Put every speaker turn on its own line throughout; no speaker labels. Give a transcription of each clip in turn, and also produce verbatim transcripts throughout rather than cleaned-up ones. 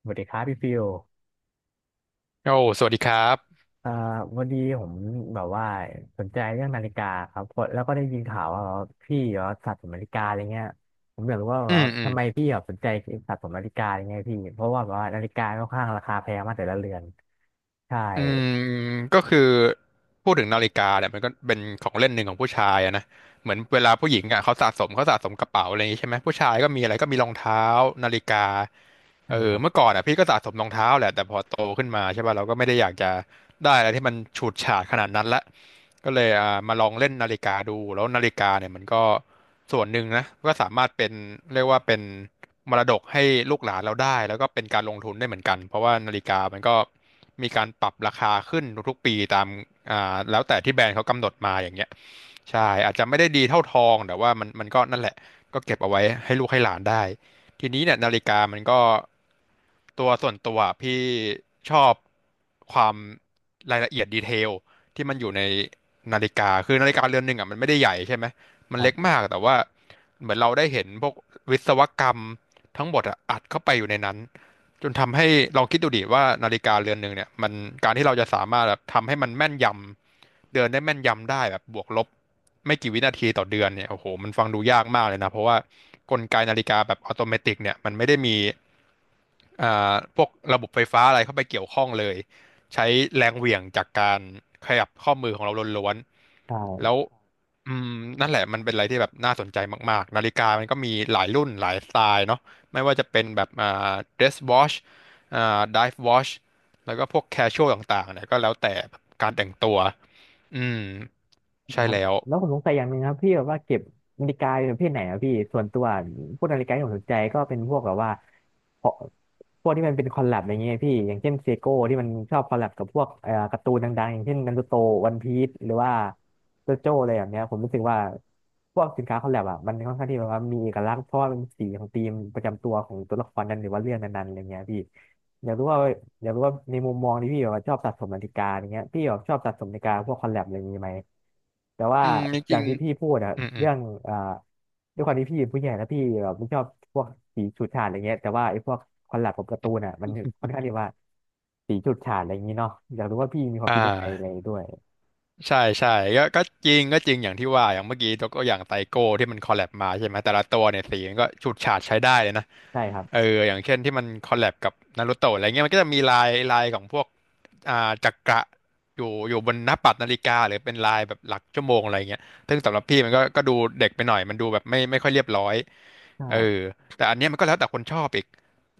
สวัสดีครับพี่ฟิล
โอ้สวัสดีครับ
เอ่อวันนี้ผมแบบว่าสนใจเรื่องนาฬิกาครับเพราะแล้วก็ได้ยินข่าวว่าพี่เหรอสะสมนาฬิกาอะไรเงี้ยผมอยากรู้ว่าแบบ
อื
ว่า
มอืม
ทำไมพี่แบบสนใจสะสมนาฬิกาอะไรเงี้ยพี่เพราะว่าแบบว่านาฬิกาค่อนข้างราคาแพงมากแต่ละเรือนใช่
อืมก็คือพูดถึงนาฬิกาเนี่ยมันก็เป็นของเล่นหนึ่งของผู้ชายอะนะเหมือนเวลาผู้หญิงอะเขาสะสมเขาสะสมกระเป๋าอะไรอย่างงี้ใช่ไหมผู้ชายก็มีอะไรก็มีรองเท้านาฬิกาเอ
ใช่
อ
ครับ
เมื่อก่อนอะพี่ก็สะสมรองเท้าแหละแต่พอโตขึ้นมาใช่ป่ะเราก็ไม่ได้อยากจะ ได้อะไรที่มันฉูดฉาดขนาดนั้นละก็เลยอ่ามาลองเล่นนาฬิกาดูแล้วนาฬิกาเนี่ยมันก็ส่วนหนึ่งนะก็สามารถเป็นเรียกว่าเป็นมรดกให้ลูกหลานเราได้แล้วก็เป็นการลงทุนได้เหมือนกันเพราะว่านาฬิกามันก็มีการปรับราคาขึ้นทุกๆปีตามอ่าแล้วแต่ที่แบรนด์เขากำหนดมาอย่างเงี้ยใช่อาจจะไม่ได้ดีเท่าทองแต่ว่ามันมันก็นั่นแหละก็เก็บเอาไว้ให้ลูกให้หลานได้ ทีนี้เนี่ยนาฬิกามันก็ตัวส่วนตัวพี่ชอบความรายละเอียดดีเทลที่มันอยู่ในนาฬิกาคือนาฬิกาเรือนหนึ่งอ่ะมันไม่ได้ใหญ่ใช่ไหมมั
ค
น
รั
เล็ก
บ
มากแต่ว่าเหมือนเราได้เห็นพวกวิศวกรรมทั้งหมดอะอัดเข้าไปอยู่ในนั้น จนทำให้ลองคิดดูดิว่านาฬิกาเรือนหนึ่งเนี่ยมันการที่เราจะสามารถแบบทำให้มันแม่นยำเดือนได้แม่นยำได้แบบบวกลบไม่กี่วินาทีต่อเดือนเนี่ยโอ้โหมันฟังดูยากมากเลยนะเพราะว่ากลไกนาฬิกาแบบอัตโนมัติเนี่ยมันไม่ได้มีอ่าพวกระบบไฟฟ้าอะไรเข้าไปเกี่ยวข้องเลยใช้แรงเหวี่ยงจากการขยับข้อมือของเราล้วน
ใช่
ๆแล้วอืมนั่นแหละมันเป็นอะไรที่แบบน่าสนใจมากๆนาฬิกามันก็มีหลายรุ่นหลายสไตล์เนาะ ไม่ว่าจะเป็นแบบอ่า dress wash อ่า dive wash แล้วก็พวก casual ต่างๆเนี่ยก็แล้วแต่การแต่งตัว อืม ใช่
นะครับ
แล้ว
แล้วผมสงสัยอย่างหนึ่งครับพี่แบบว่าเก็บนาฬิกาเป็นประเภทไหนอะพี่ส่วนตัวพวกนาฬิกาที่ผมสนใจก็เป็นพวกแบบว่าพวกพวกที่มันเป็นคอลแลบอย่างเงี้ยพี่อย่างเช่นเซโก้ที่มันชอบคอลแลบกับพวกเอ่อการ์ตูนดังๆอย่างเช่นนารูโตวันพีซหรือว่าโจโจ้อะไรแบบเนี้ยผมรู้สึกว่าพวกสินค้าคอลแลบอะมันค่อนข้างที่แบบว่ามีเอกลักษณ์เพราะว่ามันสีของธีมประจำตัวของตัวละครนั้นหรือว่าเรื่องนั้นๆอะไรเงี้ยพี่ อยากรู้ว่าอยากรู้ว่าในมุมมองที่พี่แบบว่าชอบสะสมนาฬิกาอย่างเงี้ยพี่แบบชอบสะสมนาฬิกาพวกคอลแลบอะไรอย่างงี้ไหมแต่ว่า
อืมจ
อย่า
ริง
งที่พี่พูดอะ
ๆอืม อืม
เรื่องอ่าด้วยความที่พี่เป็นผู้ใหญ่แล้วพี่แบบไม่ชอบพวกสีฉูดฉาดอะไรเงี้ยแต่ว่าไอ้พวกคอลแลบกับการ์ตูนอะมันค่อนข้างที่ว่าสีฉูดฉาดอะไรอย่างงี้เนาะอยากรู้ว่าพี่มีความ
อ่
คิดยังไงอะไร
า
ด้วย
ใช่ใช่ก็ก็จริงก็จริงอย่างที่ว่าอย่างเมื่อกี้ยกตัวอย่างไตโก้ที่มันคอลแลบมาใช่ไหมแต่ละตัวเนี่ยสีมันก็ฉูดฉาดใช้ได้เลยนะ
ใช่ครับ
เอออย่างเช่นที่มันคอลแลบกับนารูโตะอะไรเงี้ยมันก็จะมีลายลายของพวกอ่าจักระอยู่อยู่บนหน้าปัดนาฬิกาหรือเป็นลายแบบหลักชั่วโมงอะไรเงี้ยซึ่งสำหรับพี่มันก็ก็ดูเด็กไปหน่อยมันดูแบบไม่ไม่ค่อยเรียบร้อยเออ
ใช่
แต่อันเนี้ยมันก็แล้วแต่คนชอบอีก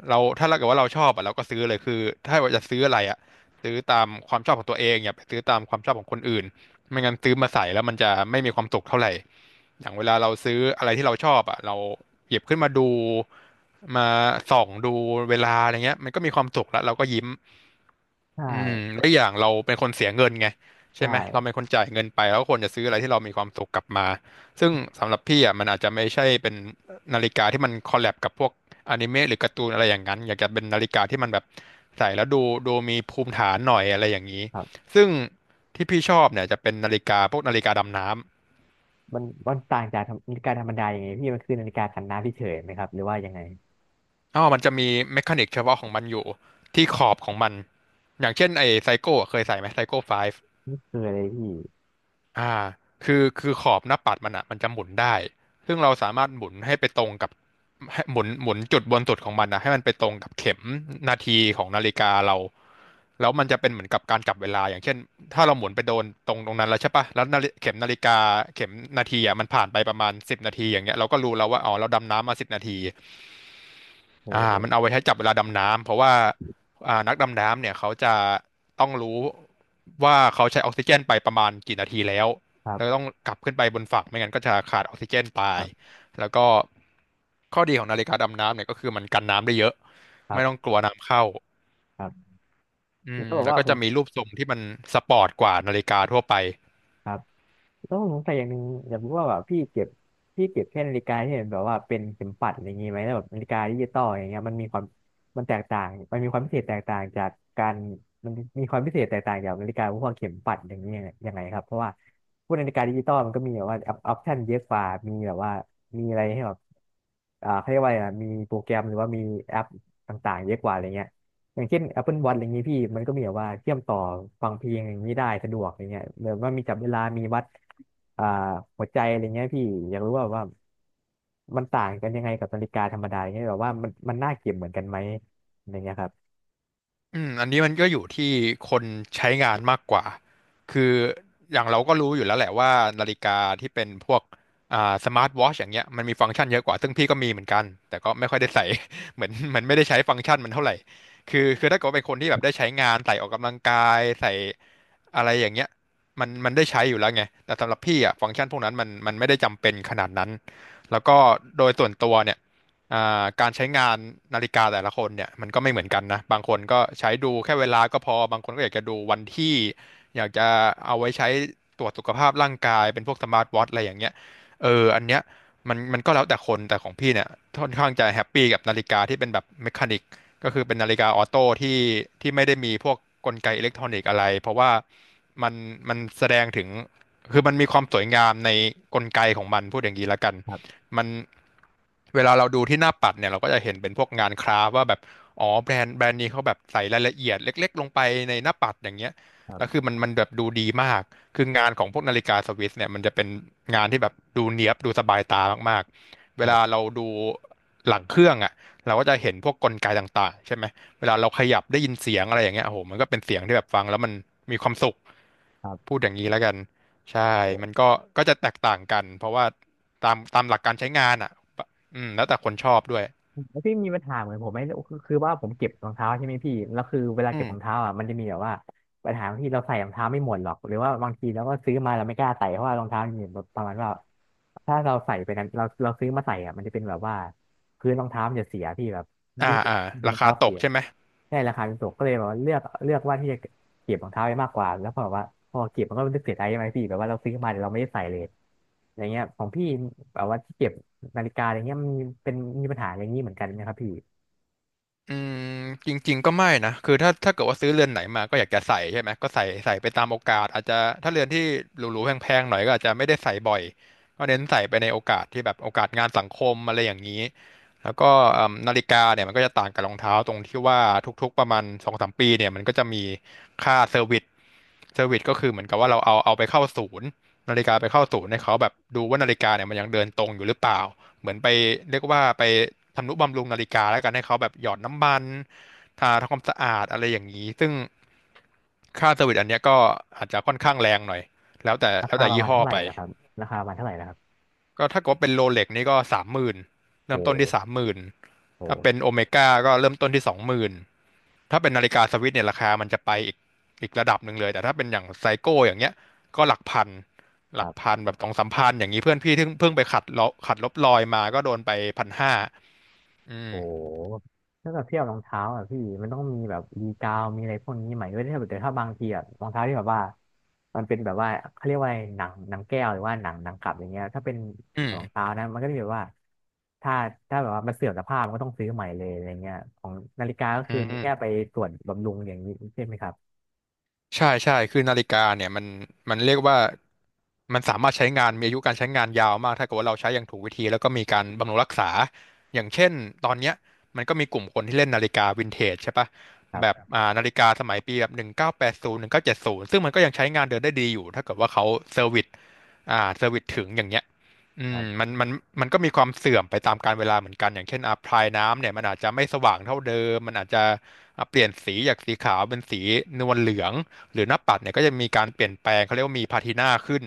เราถ้าเราเกิดว่าเราชอบอ่ะเราก็ซื้อเลยคือถ้าว่าจะซื้ออะไรอ่ะซื้อตามความชอบของตัวเองอย่าไปซื้อตามความชอบของคนอื่น ไม่งั้นซื้อมาใส่แล้วมันจะไม่มีความสุขเท่าไหร่อย่างเวลาเราซื้ออะไรที่เราชอบอ่ะเราหยิบขึ้นมาดูมาส่องดูเวลาอะไรเงี้ยมันก็มีความสุขแล้วเราก็ยิ้ม อืม
ใช่
แล้วอย่างเราเป็นคนเสียเงินไง
ใช
ใช่ไหมเราเป็
่
นคนจ่ายเงินไปแล้วก็ควรจะซื้ออะไรที่เรามีความสุขกลับมาซึ่งสำหรับพี่อ่ะมันอาจจะไม่ใช่เป็นนาฬิกาที่มันคอลแลบกับพวกอนิเมะหรือการ์ตูนอะไรอย่างนั้นอยากจะเป็นนาฬิกาที่มันแบบใส่แล้วดูดูมีภูมิฐานหน่อยอะไรอย่างนี้
ครับ
ซึ่งที่พี่ชอบเนี่ยจะเป็นนาฬิกาพวกนาฬิกาดำน้ำ
มันมันต่างจากนาฬิกาธรรมดายังไงพี่มันคือนาฬิกากันน้ำเฉยๆไหมครับหรือว่ายังไง
อ๋อมันจะมีเมคานิกเฉพาะของมันอยู่ที่ขอบของมันอย่างเช่นไอ้ไซโก้เคยใส่ไหมไซโก้ไฟ
ไม่เคยเลยพี่
อ่าคือคือขอบหน้าปัดมันอ่ะมันจะหมุนได้ ซึ่งเราสามารถหมุนให้ไปตรงกับให้หมุนหมุนจุดบนสุดของมันนะให้มันไปตรงกับเข็มนาทีของนาฬิกาเราแล้วมันจะเป็นเหมือนกับการจับเวลา อย่างเช่นถ้าเราหมุนไปโดนตรงตรงนั้นแล้วใช่ปะแล้วนาฬิเข็มนาฬิกาเข็มนาทีอ่ะมันผ่านไปประมาณสิบนาทีอย่างเงี้ยเราก็รู้แล้วว่าอ๋อเราดำน้ำมาสิบนาที
โอ้
อ่ามันเอาไว้ใช้จับเวลาดำน้ำเพราะว่าอ่านักดำน้ำเนี่ยเขาจะต้องรู้ว่าเขาใช้ออกซิเจนไปประมาณกี่นาทีแล้ว
ครั
แล้วต้อ
บ
งกลับขึ้นไปบนฝั่งไม่งั้นก็จะขาดออกซิเจนไป
ครับ
แล้วก็ข้อดีของนาฬิกาดำน้ำเนี่ยก็คือมันกันน้ำได้เยอะ
ครั
ไม่ต้อง
บ
กลัวน้ำเข้า
ครับ
อื
แล้
ม
วแบบ
แล้ว
ว่า
ก็
ผ
จะ
ม
มีรูปทรงที่มันสปอร์ตกว่านาฬิกาทั่วไป
ครับแล้วผมสงสัยอย่างหนึ่งอยากรู้ว่าแบบพี่เก็บพี่เก็บแค่นาฬิกาที่เห็นแบบว่าเป็นเข็มปัดอะไรอย่างงี้ไหมแล้วแบบนาฬิกาดิจิตอลอย่างเงี้ยมันมีความมันแตกต่างมันมีความพิเศษแตกต่างจากการมันมีความพิเศษแตกต่างจากนาฬิกาพวกเข็มปัดอย่างเงี้ยยังไงครับเพราะว่าพวกนาฬิกาดิจิตอลมันก็มีแบบว่าออปชั่นเยอะกว่ามีแบบว่ามีอะไรให้แบบอ่าเขาเรียกว่าอะไรนะมีโปรแกรมหรือว่ามีแอปต่างๆเยอะกว่าอะไรเงี้ย อย่างเช่น Apple Watch อะไรอย่างนี้พี่มันก็มีแบบว่าเชื่อมต่อฟังเพลงอย่างนี้ได้สะดวกอย่างเงี้ยเหมือนว่ามีจับเวลามีวัดอ่าหัวใจอะไรเงี้ยพี่อยากรู้ว่าว่ามันต่างกันยังไงกับนาฬิกาธรรมดาอย่างเงี้ยแบบว่ามันมันน่าเก็บเหมือนกันไหมอะไรเงี้ยครับ
อืมอันนี้มันก็อยู่ที่คนใช้งานมากกว่าคืออย่างเราก็รู้อยู่แล้วแหละว่านาฬิกาที่เป็นพวกอ่าสมาร์ทวอชอย่างเงี้ยมันมีฟังก์ชันเยอะกว่าซึ่งพี่ก็มีเหมือนกันแต่ก็ไม่ค่อยได้ใส่ เหมือนเหมันไม่ได้ใช้ฟังก์ชันมันเท่าไหร่คือคือถ้าเกิดว่าเป็นคนที่แบบได้ใช้งานใส่ออกกำลังกายใส่อะไรอย่างเงี้ยมันมันได้ใช้อยู่แล้วไงแต่สำหรับพี่อ่ะฟังก์ชันพวกนั้นมันมันไม่ได้จำเป็นขนาดนั้นแล้วก็โดยส่วนตัวเนี่ย อ่าการใช้งานนาฬิกาแต่ละคนเนี่ยมันก็ไม่เหมือนกันนะบางคนก็ใช้ดูแค่เวลาก็พอบางคนก็อยากจะดูวันที่อยากจะเอาไว้ใช้ตรวจสุขภาพร่างกายเป็นพวกสมาร์ทวอทช์อะไรอย่างเงี้ยเอออันเนี้ยมันมันก็แล้วแต่คนแต่ของพี่เนี่ยค่อนข้างจะแฮปปี้กับนาฬิกาที่เป็นแบบเมคานิกก็คือเป็นนาฬิกาออโต้ที่ที่ไม่ได้มีพวกกลไกอิเล็กทรอนิกส์อะไรเพราะว่ามันมันแสดงถึง คือมันมีความสวยงามในกลไกของมันพูดอย่างนี้ละกันมันเวลาเราดูที่หน้าปัดเนี่ยเราก็จะเห็นเป็นพวกงานคราฟต์ว่าแบบอ๋อแบรนด์แบรนด์นี้เขาแบบใส่รายละเอียดเล็กๆลงไปในหน้าปัดอย่างเงี้ย
ครั
แล้ว
บ
คือมันมันแบบดูดีมากคืองานของพวกนาฬิกาสวิสเนี่ยมันจะเป็นงานที่แบบดูเนี๊ยบดูสบายตามากๆเว
ครั
ลา
บ
เราดูหลังเครื่องอ่ะเราก็จะเห็นพวกกลไกต่างๆใช่ไหมเวลาเราขยับได้ยินเสียงอะไรอย่างเงี้ยโอ้โหมันก็เป็นเสียงที่แบบฟังแล้วมันมีความสุข
ครับ
พูดอย่างนี้แล้วกัน ใช่
โอ
มัน
้
ก็ก็จะแตกต่างกัน เพราะว่าตามตามหลักการใช้งานอ่ะอืมแล้วแต่คนชอบด้วย
แล้วพี่มีปัญหาเหมือนผมไหมคือคือว่าผมเก็บรองเท้าใช่ไหมพี่แล้วคือเวลา
อื
เก็บ
ม
รองเท้าอ่ะมันจะมีแบบว่าปัญหาที่เราใส่รองเท้าไม่หมดหรอกหรือว่าบางทีเราก็ซื้อมาเราไม่กล้าใส่เพราะว่ารองเท้ามันมีแบบประมาณว่าถ้าเราใส่ไปนั้นเราเราซื้อมาใส่อ่ะมันจะเป็นแบบว่าพื้นรองเท้ามันจะเสียพี่แบบ
อ่า
ยิ่งเก็บ
อ่า
ง
รา
รอง
คา
เท้า
ต
เสี
ก
ย
ใช่ไหม
ได้ราคาเป็นตกก็เลยแบบว่าเลือกเลือกว่าที่จะเก็บรองเท้าไว้มากกว่าแล้วพอแบบว่าพอเก็บมันก็รู้สึกเสียดายใช่ไหมพี่แบบว่าเราซื้อมาแต่เราไม่ได้ใส่เลยอย่างเงี้ยของพี่แบบว่าที่เก็บนาฬิกาอะไรเงี้ยมันมีเป็นมีปัญหาอย่างนี้เหมือนกันไหมครับพี่
อืมจริงๆก็ไม่นะคือถ้าถ้าเกิดว่าซื้อเรือนไหนมาก็อยากจะใส่ใช่ไหม ก็ใส่ใส่ไปตามโอกาสอาจจะถ้าเรือนที่หรูๆแพงๆหน่อยก็อาจจะไม่ได้ใส่บ่อย ก็เน้นใส่ไปในโอกาสที่แบบโอกาสงานสังคมอะไรอย่างนี้ แล้วก็เอิ่มนาฬิกาเนี่ยมันก็จะต่างกับรองเท้าตรงที่ว่าทุกๆประมาณสองสามปีเนี่ยมันก็จะมีค่าเซอร์วิสเซอร์วิสก็คือเหมือนกับว่าเราเอาเอาไปเข้าศูนย์นาฬิกาไปเข้าศูนย์ให้เขาแบบดูว่านาฬิกาเนี่ยมันยังเดินตรงอยู่หรือเปล่า เหมือนไปเรียกว่าไปทำนุบำรุงนาฬิกาแล้วกันให้เขาแบบหยอดน้ำมัน ทาทำความสะอาดอะไรอย่างนี้ ซึ่งค่าเซอร์วิสอันเนี้ยก็อาจจะค่อนข้างแรงหน่อย แล้วแต่
รา
แล้ว
คา
แต่
ประ
ยี่
มาณ
ห้อ
เท่าไหร่
ไป
ล่ะครับราคาประมาณเท่าไหร่ล่ะครับ
ก็ถ้าเกิดว่าเป็นโรเล็กนี่ก็สามหมื่นเริ่
โอ้
มต้นที่สามหมื่นถ้า
โห
เป็นโอเมก้าก็เริ่มต้นที่สองหมื่นถ้าเป็นนาฬิกาสวิสเนี่ยราคามันจะไปอีกอีกระดับหนึ่งเลย แต่ถ้าเป็นอย่างไซโก้อย่างเงี้ยก็หลักพันห
ค
ลั
รั
กพั
บ
นแบบสองสามพันอย่างนี้เพื่อนพี่เพิ่งเพิ่งไปขัดลบขัดลบรอยมาก็โดนไปพันห้า อื
โอ
ม
้ถ้าแบบเทียบรองเท้าอ่ะพี่มันต้องมีแบบรีกาวมีอะไรพวกนี้ใหม่ด้วยถ้าแบบแต่ถ้าบางทีอ่ะรองเท้าที่แบบว่ามันเป็นแบบว่าเขาเรียกว่าอะไรหนังหนังแก้วหรือว่าหนังหนังกลับอย่างเงี้ยถ้าเป็น
อืม
รองเท้านะมันก็จะแบบว่าถ้าถ้าแบบว่ามันเสื่อมสภาพมันก็ต้องซื้อใหม่เลยอะไรเงี้ยของนาฬิกาก็
อื
คือมีแค่ไป
ม
ตรวจบำรุงอย่างนี้ใช่ไหมครับ
ใช่ใช่คือนาฬิกาเนี่ยมันมันเรียกว่ามันสามารถใช้งานมีอายุการใช้งานยาวมากถ้าเกิดว่าเราใช้อย่างถูกวิธีแล้วก็มีการบำรุงรักษาอย่างเช่นตอนเนี้ยมันก็มีกลุ่มคนที่เล่นนาฬิกาวินเทจใช่ปะแบ
ค
บ
รับ
อ่านาฬิกาสมัยปีแบบหนึ่งเก้าแปดศูนย์หนึ่งเก้าเจ็ดศูนย์ซึ่งมันก็ยังใช้งานเดินได้ดีอยู่ถ้าเกิดว่าเขาเซอร์วิสอ่าเซอร์วิสถึงอย่างเงี้ยอื
ครั
ม
บ
มันมันมันก็มีความเสื่อมไปตามกาลเวลาเหมือนกันอย่างเช่นอ่ะพลายน้ำเนี่ยมันอาจจะไม่สว่างเท่าเดิมมันอาจจะอ่ะเปลี่ยนสีจากสีขาวเป็นสีนวลเหลือง หรือหน้าปัดเนี่ยก็จะมีการเปลี่ยนแปลงเขาเรียกว่ามีพาทีนาขึ้น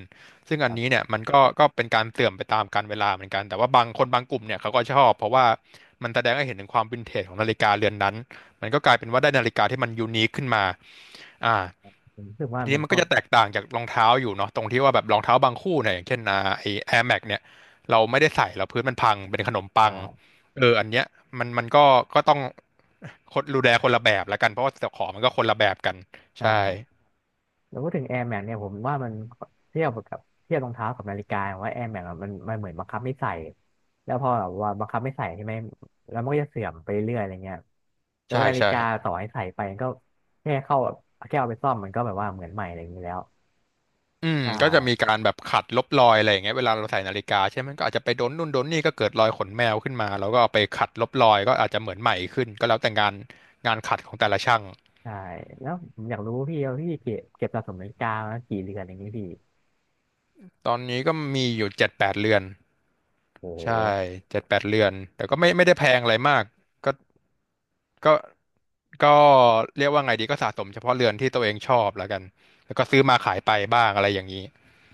ซึ่งอันนี้เนี่ยมันก็ก็เป็นการเสื่อมไปตามกาลเวลาเหมือนกันแต่ว่าบางคนบางกลุ่มเนี่ยเขาก็ชอบเพราะว่ามันแสดงให้เห็นถึงความวินเทจของนาฬิกาเรือนนั้นมันก็กลายเป็นว่าได้นาฬิกาที่มันยูนิคขึ้นมาอ่า
ผมรู้สึกว่า
ที
มั
นี้
น
มัน
ก็
ก็จะแตกต่างจากรองเท้าอยู่เนาะตรงที่ว่าแบบรองเท้าบางคู่เนี่ยอย่างเช่นอ่าไอ แอร์แม็กซ์ เนี่ยเราไม่ได้ใส่แล้วพื้นมันพังเป็นขนมปัง
อ่า
เอออันเนี้ยมันมันก็ก็ต้องคนดูแลคนละแบบละกันเพราะว่าเจ้าของมันก็คนละแบบกัน
ใช่
ใช่
แล้วพูดถึง Air Max เนี่ยผมว่ามันเทียบกับเทียบรองเท้ากับนาฬิกาว่า Air Max อะมันมันเหมือนบังคับไม่ใส่แล้วพอแบบว่าบังคับไม่ใส่ใช่ไหมแล้วมันก็จะเสื่อมไปเรื่อยอะไรเงี้ยแต่
ใช่
ว่านาฬิ
ใช่
กาต่อให้ใส่ไปก็แค่เข้าแค่เอาไปซ่อมมันก็แบบว่าเหมือนใหม่อะไรอย่างนี้แล้ว
อืม
ใช่
ก็จะมีการแบบขัดลบรอยอะไรอย่างเงี้ยเวลาเราใส่นาฬิกาใช่ไหมมันก็อาจจะไปโดนนู่นโดนนี่ก็เกิดรอยขนแมวขึ้นมาแล้วก็เอาไปขัดลบรอยก็อาจจะเหมือนใหม่ขึ้นก็แล้วแต่งานงานขัดของแต่ละช่าง
ใช่แล้วผมอยากรู้พี่ว่าพี่เก็บเก็บสะสมนาฬิกามากี่เรือนอย่างนี้พี่
ตอนนี้ก็มีอยู่เจ็ดแปดเรือน
โอ้โห
ใช่เจ็ดแปดเรือนแต่ก็ไม่ไม่ได้แพงอะไรมากก็ก็ก็เรียกว่าไงดีก็สะสมเฉพาะเรือนที่ตัวเองชอบแล้วกันแล้วก็ซื้อมาขายไปบ้างอะไรอย่างนี้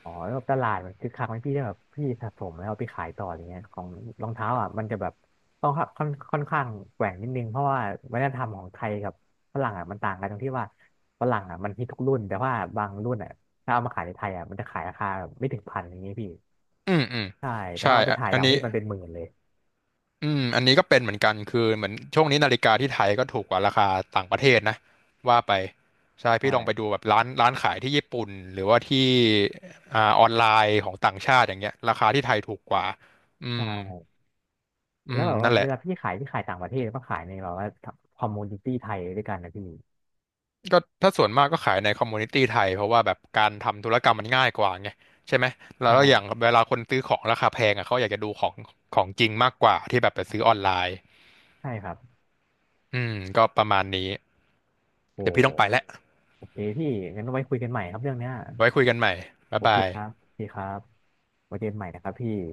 อ๋อแล้วแบบตลาดมันคือคักไหมพี่ได้แบบพี่สะสมแล้วเอาไปขายต่ออะไรเงี้ยของรองเท้าอ่ะมันจะแบบต้องค่อนค่อนข้างแกว่งนิดนึงเพราะว่าวัฒนธรรมของไทยกับฝรั่งอ่ะมันต่างกันตรงที่ว่าฝรั่งอ่ะมันฮิตทุกรุ่นแต่ว่าบางรุ่นอ่ะถ้าเอามาขายในไทยอ่ะมันจะขายราคาแบบไม่ถึงพันอย่างเงี้ยพี่
อืมอืม
ใช่แต่
ใช่
ว่าเอาไป
อะ
ขาย
อัน
ต่างประ
นี้
เทศมันเป็นหมื่นเลย
อืมอันนี้ก็เป็นเหมือนกันคือเหมือนช่วงนี้นาฬิกาที่ไทยก็ถูกกว่าราคาต่างประเทศนะว่าไปใช่พี่ลองไป
ใช่
ดูแบบร้านร้านขายที่ญี่ปุ่นหรือว่าที่อ่าออนไลน์ของต่างชาติอย่างเงี้ยราคาที่ไทยถูกกว่าอืม
ใช่
อื
แล้ว
ม
แบบ
นั่
ว่า
นแหละ
เวลาพี่ขายพี่ขายต่างประเทศก็ขายในแบบว่าคอมมูนิตี้ไทยด้วยกันนะพี่
ก็ถ้าส่วนมากก็ขายในคอมมูนิตี้ไทยเพราะว่าแบบการทำธุรกรรมมันง่ายกว่าไงใช่ไหมแล้
ใช่
วอย่างเวลาคนซื้อของราคาแพงอ่ะเขาอยากจะดูของของจริงมากกว่าที่แบบไปซื้อออนไลน์
ใช่ครับ
อืมก็ประมาณนี้
โอ้
เดี๋ยวพี่ต้องไปแล้ว
โอเคพี่งั้นไว้คุยกันใหม่ครับเรื่องเนี้ย
ไว้คุยกันใหม่ บ๊า
โอ
ย
เค
บาย
ครับโอเคครับไว้เจอกันใหม่นะครับพี่